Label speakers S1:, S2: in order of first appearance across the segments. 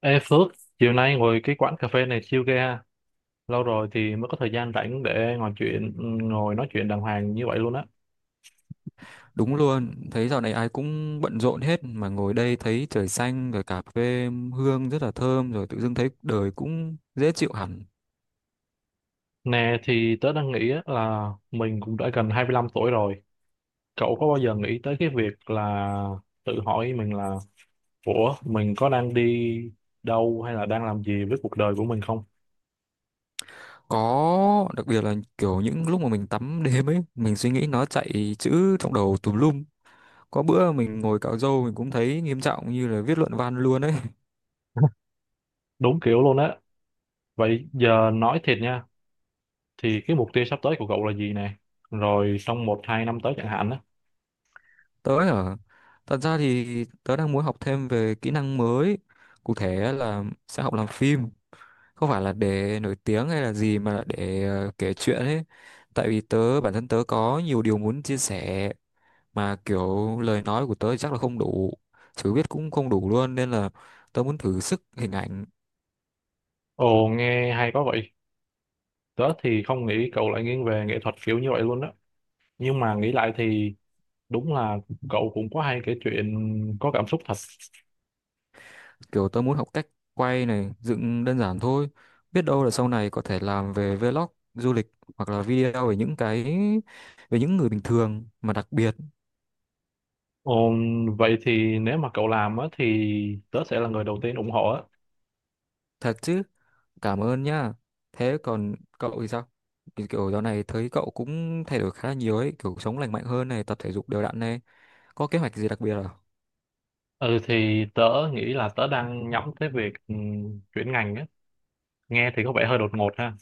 S1: Ê Phước, chiều nay ngồi cái quán cà phê này chill ghê ha. Lâu rồi thì mới có thời gian rảnh để ngồi nói chuyện đàng hoàng như vậy luôn á.
S2: Đúng luôn, thấy dạo này ai cũng bận rộn hết mà ngồi đây thấy trời xanh rồi cà phê hương rất là thơm rồi tự dưng thấy đời cũng dễ chịu hẳn.
S1: Nè thì tớ đang nghĩ á là mình cũng đã gần 25 tuổi rồi. Cậu có bao giờ nghĩ tới cái việc là tự hỏi mình là ủa, mình có đang đi đâu hay là đang làm gì với cuộc đời của mình không?
S2: Có đặc biệt là kiểu những lúc mà mình tắm đêm ấy, mình suy nghĩ nó chạy chữ trong đầu tùm lum. Có bữa mình ngồi cạo râu mình cũng thấy nghiêm trọng như là viết luận văn luôn ấy.
S1: Đúng kiểu luôn á. Vậy giờ nói thiệt nha, thì cái mục tiêu sắp tới của cậu là gì nè? Rồi trong một hai năm tới chẳng hạn á.
S2: Tớ ở Thật ra thì tớ đang muốn học thêm về kỹ năng mới, cụ thể là sẽ học làm phim. Không phải là để nổi tiếng hay là gì mà là để kể chuyện ấy, tại vì bản thân tớ có nhiều điều muốn chia sẻ, mà kiểu lời nói của tớ thì chắc là không đủ, chữ viết cũng không đủ luôn, nên là tớ muốn thử sức hình ảnh.
S1: Ồ, nghe hay quá vậy. Tớ thì không nghĩ cậu lại nghiêng về nghệ thuật kiểu như vậy luôn á. Nhưng mà nghĩ lại thì đúng là cậu cũng có hay kể chuyện, có cảm xúc thật.
S2: Kiểu tớ muốn học cách quay này, dựng đơn giản thôi, biết đâu là sau này có thể làm về vlog du lịch, hoặc là video về những cái, về những người bình thường mà đặc biệt.
S1: Ồ, vậy thì nếu mà cậu làm á thì tớ sẽ là người đầu tiên ủng hộ á.
S2: Thật chứ? Cảm ơn nhá. Thế còn cậu thì sao? Kiểu kiểu dạo này thấy cậu cũng thay đổi khá là nhiều ấy, kiểu sống lành mạnh hơn này, tập thể dục đều đặn này. Có kế hoạch gì đặc biệt à?
S1: Ừ thì tớ nghĩ là tớ đang nhắm tới việc chuyển ngành á. Nghe thì có vẻ hơi đột ngột ha.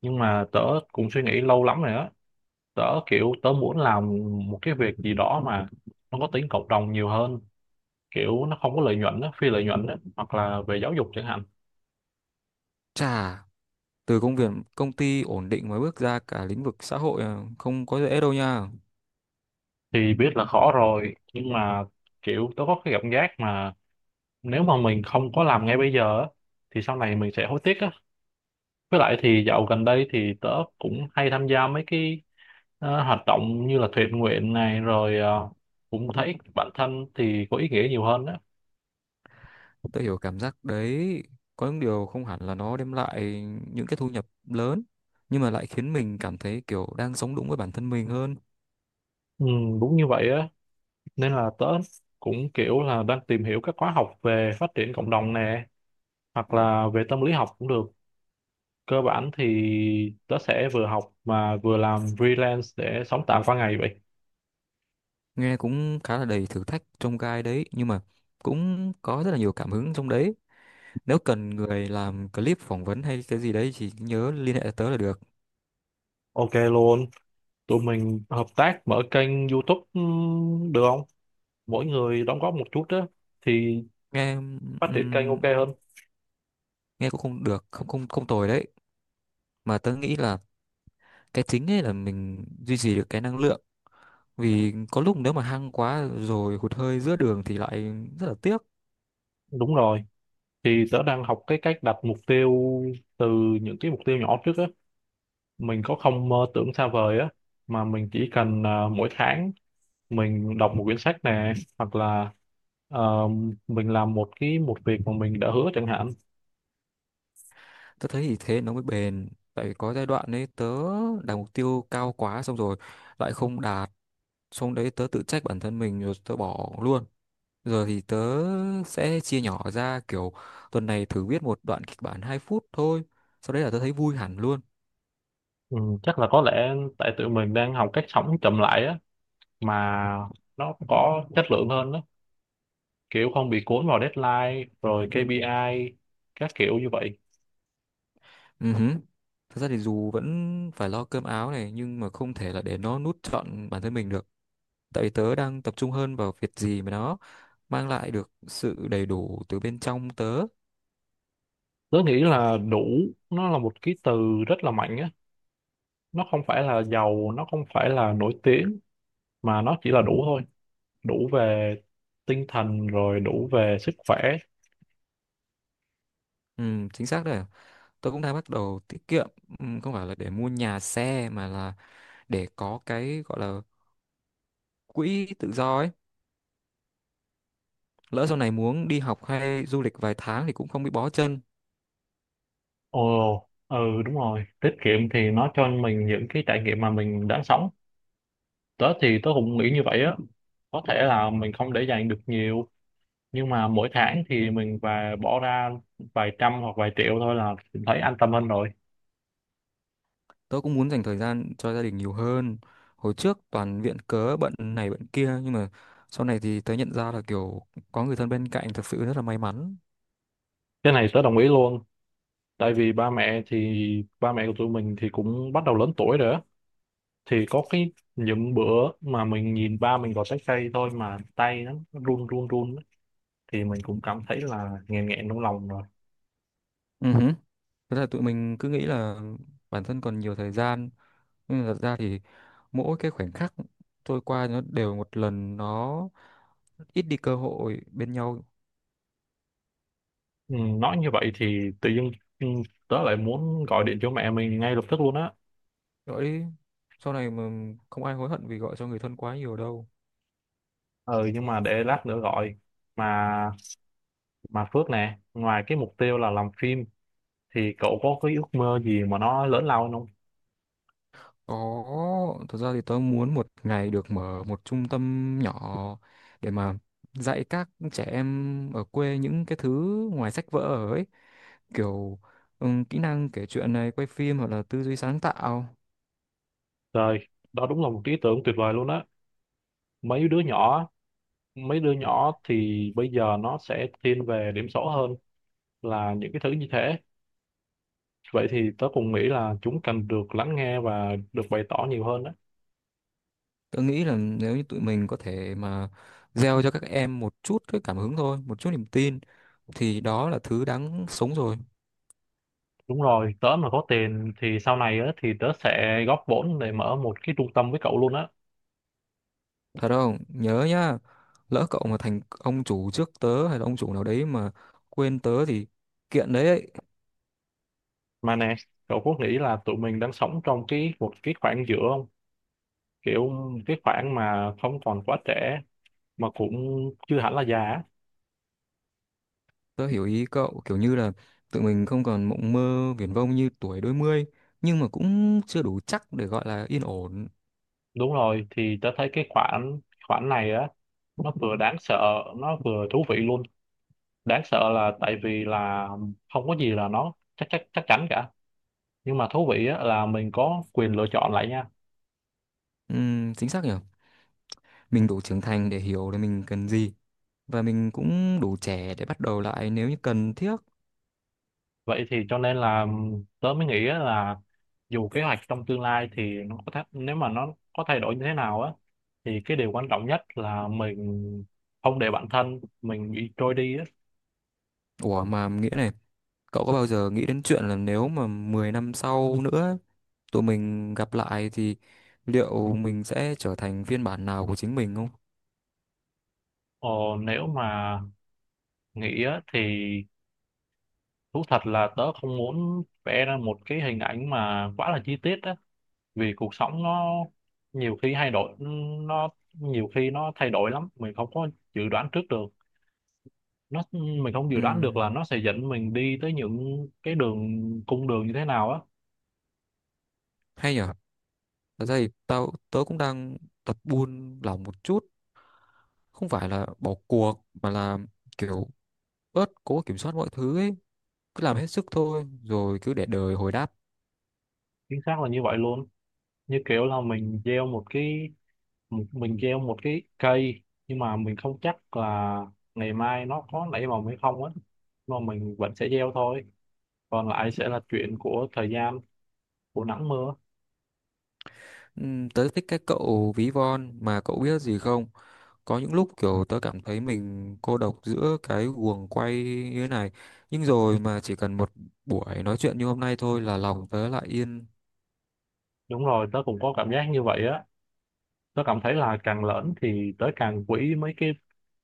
S1: Nhưng mà tớ cũng suy nghĩ lâu lắm rồi á. Kiểu tớ muốn làm một cái việc gì đó mà nó có tính cộng đồng nhiều hơn. Kiểu nó không có lợi nhuận á, phi lợi nhuận á. Hoặc là về giáo dục chẳng hạn,
S2: Chà, từ công việc công ty ổn định mới bước ra cả lĩnh vực xã hội à, không có dễ đâu nha.
S1: thì biết là khó rồi nhưng mà kiểu tôi có cái cảm giác mà nếu mà mình không có làm ngay bây giờ á, thì sau này mình sẽ hối tiếc á. Với lại thì dạo gần đây thì tớ cũng hay tham gia mấy cái hoạt động như là thiện nguyện này, rồi cũng thấy bản thân thì có ý nghĩa nhiều hơn á.
S2: Tôi hiểu cảm giác đấy, có những điều không hẳn là nó đem lại những cái thu nhập lớn, nhưng mà lại khiến mình cảm thấy kiểu đang sống đúng với bản thân mình hơn.
S1: Ừ, đúng như vậy á, nên là tớ cũng kiểu là đang tìm hiểu các khóa học về phát triển cộng đồng nè, hoặc là về tâm lý học cũng được. Cơ bản thì tớ sẽ vừa học mà vừa làm freelance để sống tạm qua ngày vậy.
S2: Nghe cũng khá là đầy thử thách trong gai đấy, nhưng mà cũng có rất là nhiều cảm hứng trong đấy. Nếu cần người làm clip phỏng vấn hay cái gì đấy thì nhớ liên hệ tớ là được.
S1: OK luôn, tụi mình hợp tác mở kênh YouTube được không? Mỗi người đóng góp một chút á thì
S2: Nghe
S1: phát triển kênh
S2: ừm,
S1: OK hơn.
S2: nghe cũng không được, không không không tồi đấy. Mà tớ nghĩ là cái chính ấy là mình duy trì được cái năng lượng. Vì có lúc nếu mà hăng quá rồi hụt hơi giữa đường thì lại rất là tiếc.
S1: Đúng rồi, thì tớ đang học cái cách đặt mục tiêu từ những cái mục tiêu nhỏ trước á. Mình có không mơ tưởng xa vời á, mà mình chỉ cần mỗi tháng mình đọc một quyển sách nè, hoặc là ờ, mình làm một việc mà mình đã hứa chẳng hạn.
S2: Tớ thấy thì thế nó mới bền. Tại vì có giai đoạn ấy tớ đặt mục tiêu cao quá xong rồi lại không đạt. Xong đấy tớ tự trách bản thân mình rồi tớ bỏ luôn. Giờ thì tớ sẽ chia nhỏ ra, kiểu tuần này thử viết một đoạn kịch bản 2 phút thôi. Sau đấy là tớ thấy vui hẳn luôn.
S1: Ừ, chắc là có lẽ tại tụi mình đang học cách sống chậm lại á, mà nó có chất lượng hơn đó, kiểu không bị cuốn vào deadline rồi KPI các kiểu như vậy.
S2: Ừ hứ. Thật ra thì dù vẫn phải lo cơm áo này nhưng mà không thể là để nó nuốt trọn bản thân mình được. Tại vì tớ đang tập trung hơn vào việc gì mà nó mang lại được sự đầy đủ từ bên trong tớ.
S1: Tớ nghĩ là đủ nó là một cái từ rất là mạnh á. Nó không phải là giàu, nó không phải là nổi tiếng, mà nó chỉ là đủ thôi. Đủ về tinh thần rồi đủ về sức khỏe.
S2: Ừ, chính xác đấy. Tớ cũng đang bắt đầu tiết kiệm, ừ, không phải là để mua nhà xe mà là để có cái gọi là quỹ tự do ấy. Lỡ sau này muốn đi học hay du lịch vài tháng thì cũng không bị bó chân.
S1: Ồ ừ, đúng rồi, tiết kiệm thì nó cho mình những cái trải nghiệm mà mình đã sống. Tớ thì tớ cũng nghĩ như vậy á. Có thể là mình không để dành được nhiều, nhưng mà mỗi tháng thì mình và bỏ ra vài trăm hoặc vài triệu thôi là mình thấy an tâm hơn rồi.
S2: Tớ cũng muốn dành thời gian cho gia đình nhiều hơn, hồi trước toàn viện cớ bận này bận kia nhưng mà sau này thì tớ nhận ra là kiểu có người thân bên cạnh thật sự rất là may mắn.
S1: Cái này tớ đồng ý luôn, tại vì ba mẹ của tụi mình thì cũng bắt đầu lớn tuổi rồi á. Thì có cái những bữa mà mình nhìn ba mình gọt trái cây thôi mà tay nó run run run á, thì mình cũng cảm thấy là nghẹn nghẹn trong lòng rồi.
S2: Ừ hứ. Thế là tụi mình cứ nghĩ là bản thân còn nhiều thời gian, nhưng mà thật ra thì mỗi cái khoảnh khắc trôi qua nó đều một lần nó ít đi cơ hội bên nhau.
S1: Ừ, nói như vậy thì tự dưng, ừ, tớ lại muốn gọi điện cho mẹ mình ngay lập tức luôn á.
S2: Rồi sau này mà, không ai hối hận vì gọi cho người thân quá nhiều đâu.
S1: Ừ, nhưng mà để lát nữa gọi mà. Mà Phước nè, ngoài cái mục tiêu là làm phim thì cậu có cái ước mơ gì mà nó lớn lao hơn không?
S2: Có, thật ra thì tớ muốn một ngày được mở một trung tâm nhỏ để mà dạy các trẻ em ở quê những cái thứ ngoài sách vở ấy, kiểu kỹ năng kể chuyện này, quay phim, hoặc là tư duy sáng tạo.
S1: Trời, đó đúng là một cái ý tưởng tuyệt vời luôn á. Mấy đứa nhỏ, mấy đứa nhỏ thì bây giờ nó sẽ thiên về điểm số hơn là những cái thứ như thế. Vậy thì tớ cũng nghĩ là chúng cần được lắng nghe và được bày tỏ nhiều hơn đó.
S2: Tớ nghĩ là nếu như tụi mình có thể mà gieo cho các em một chút cái cảm hứng thôi, một chút niềm tin, thì đó là thứ đáng sống rồi.
S1: Đúng rồi, tớ mà có tiền thì sau này á, thì tớ sẽ góp vốn để mở một cái trung tâm với cậu luôn á.
S2: Thật không? Nhớ nhá, lỡ cậu mà thành ông chủ trước tớ hay là ông chủ nào đấy mà quên tớ thì kiện đấy.
S1: Mà nè, cậu có nghĩ là tụi mình đang sống trong một cái khoảng giữa không? Kiểu cái khoảng mà không còn quá trẻ mà cũng chưa hẳn là già á.
S2: Tớ hiểu ý cậu, kiểu như là tụi mình không còn mộng mơ viển vông như tuổi đôi mươi, nhưng mà cũng chưa đủ chắc để gọi là yên ổn.
S1: Đúng rồi, thì tớ thấy cái khoản khoản này á nó vừa đáng sợ, nó vừa thú vị luôn. Đáng sợ là tại vì là không có gì là nó chắc chắc chắc chắn cả, nhưng mà thú vị á là mình có quyền lựa chọn lại nha.
S2: Chính xác nhỉ? Mình đủ trưởng thành để hiểu là mình cần gì, và mình cũng đủ trẻ để bắt đầu lại nếu như cần thiết.
S1: Vậy thì cho nên là tớ mới nghĩ á là dù kế hoạch trong tương lai thì nếu mà nó có thay đổi như thế nào á thì cái điều quan trọng nhất là mình không để bản thân mình bị trôi đi á.
S2: Ủa mà nghĩa này, cậu có bao giờ nghĩ đến chuyện là nếu mà 10 năm sau nữa tụi mình gặp lại thì liệu mình sẽ trở thành phiên bản nào của chính mình không?
S1: Ờ, nếu mà nghĩ á, thì thú thật là tớ không muốn vẽ ra một cái hình ảnh mà quá là chi tiết á, vì cuộc sống nó nhiều khi thay đổi, nó nhiều khi nó thay đổi lắm, mình không có dự đoán trước được. Mình không dự đoán được
S2: Ừm,
S1: là nó sẽ dẫn mình đi tới những cái cung đường như thế nào á.
S2: hay nhỉ? Thật ra thì tớ cũng đang tập buôn lòng một chút, không phải là bỏ cuộc mà là kiểu bớt cố kiểm soát mọi thứ ấy, cứ làm hết sức thôi rồi cứ để đời hồi đáp.
S1: Chính xác là như vậy luôn. Như kiểu là mình gieo một cái, mình gieo một cái cây nhưng mà mình không chắc là ngày mai nó có nảy mầm hay không á, mà mình vẫn sẽ gieo thôi. Còn lại sẽ là chuyện của thời gian, của nắng mưa.
S2: Tớ thích cái cậu ví von. Mà cậu biết gì không, có những lúc kiểu tớ cảm thấy mình cô độc giữa cái guồng quay như thế này, nhưng rồi mà chỉ cần một buổi nói chuyện như hôm nay thôi là lòng tớ lại yên.
S1: Đúng rồi, tớ cũng có cảm giác như vậy á. Tớ cảm thấy là càng lớn thì tớ càng quý mấy cái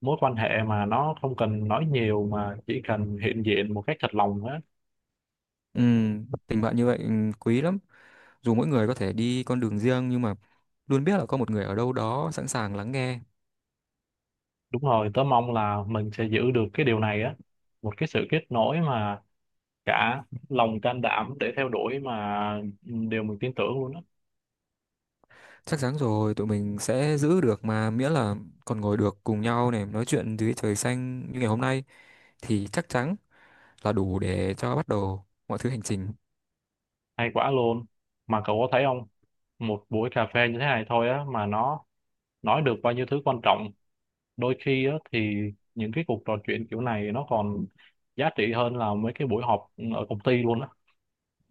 S1: mối quan hệ mà nó không cần nói nhiều mà chỉ cần hiện diện một cách thật lòng á.
S2: Tình bạn như vậy quý lắm, dù mỗi người có thể đi con đường riêng nhưng mà luôn biết là có một người ở đâu đó sẵn sàng lắng nghe.
S1: Đúng rồi, tớ mong là mình sẽ giữ được cái điều này á. Một cái sự kết nối mà cả lòng can đảm để theo đuổi mà, ừ, điều mình tin tưởng luôn á.
S2: Chắc chắn rồi, tụi mình sẽ giữ được mà, miễn là còn ngồi được cùng nhau này, nói chuyện dưới trời xanh như ngày hôm nay, thì chắc chắn là đủ để cho bắt đầu mọi thứ hành trình.
S1: Hay quá luôn, mà cậu có thấy không, một buổi cà phê như thế này thôi á mà nó nói được bao nhiêu thứ quan trọng. Đôi khi á thì những cái cuộc trò chuyện kiểu này nó còn giá trị hơn là mấy cái buổi họp ở công ty luôn á.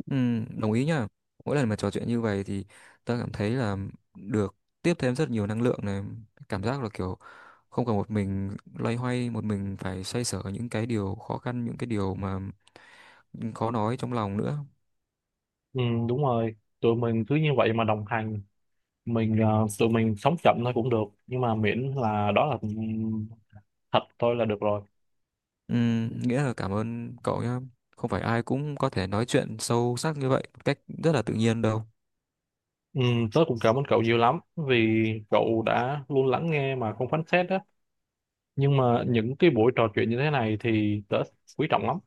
S2: Ừ, đồng ý nhá. Mỗi lần mà trò chuyện như vậy thì ta cảm thấy là được tiếp thêm rất nhiều năng lượng này, cảm giác là kiểu không còn một mình loay hoay, một mình phải xoay sở những cái điều khó khăn, những cái điều mà khó nói trong lòng nữa.
S1: Ừ, đúng rồi, tụi mình cứ như vậy mà đồng hành. Tụi mình sống chậm thôi cũng được nhưng mà miễn là đó là, ừ, thật thôi là được rồi.
S2: Nghĩa là cảm ơn cậu nhé. Không phải ai cũng có thể nói chuyện sâu sắc như vậy một cách rất là tự nhiên đâu.
S1: Ừ, tớ cũng cảm ơn cậu nhiều lắm vì cậu đã luôn lắng nghe mà không phán xét đó. Nhưng mà những cái buổi trò chuyện như thế này thì tớ quý trọng lắm.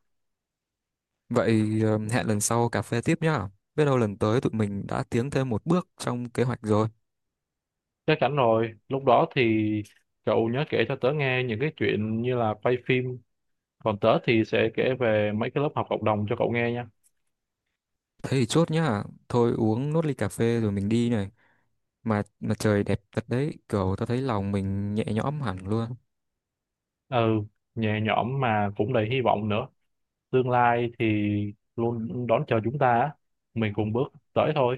S2: Vậy hẹn lần sau cà phê tiếp nhá. Biết đâu lần tới tụi mình đã tiến thêm một bước trong kế hoạch rồi.
S1: Chắc chắn rồi, lúc đó thì cậu nhớ kể cho tớ nghe những cái chuyện như là quay phim. Còn tớ thì sẽ kể về mấy cái lớp học cộng đồng cho cậu nghe nha.
S2: Thế thì chốt nhá. Thôi uống nốt ly cà phê rồi mình đi này. Mà trời đẹp thật đấy, kiểu tao thấy lòng mình nhẹ nhõm hẳn luôn.
S1: Ừ, nhẹ nhõm mà cũng đầy hy vọng nữa. Tương lai thì luôn đón chờ chúng ta, á. Mình cùng bước tới thôi.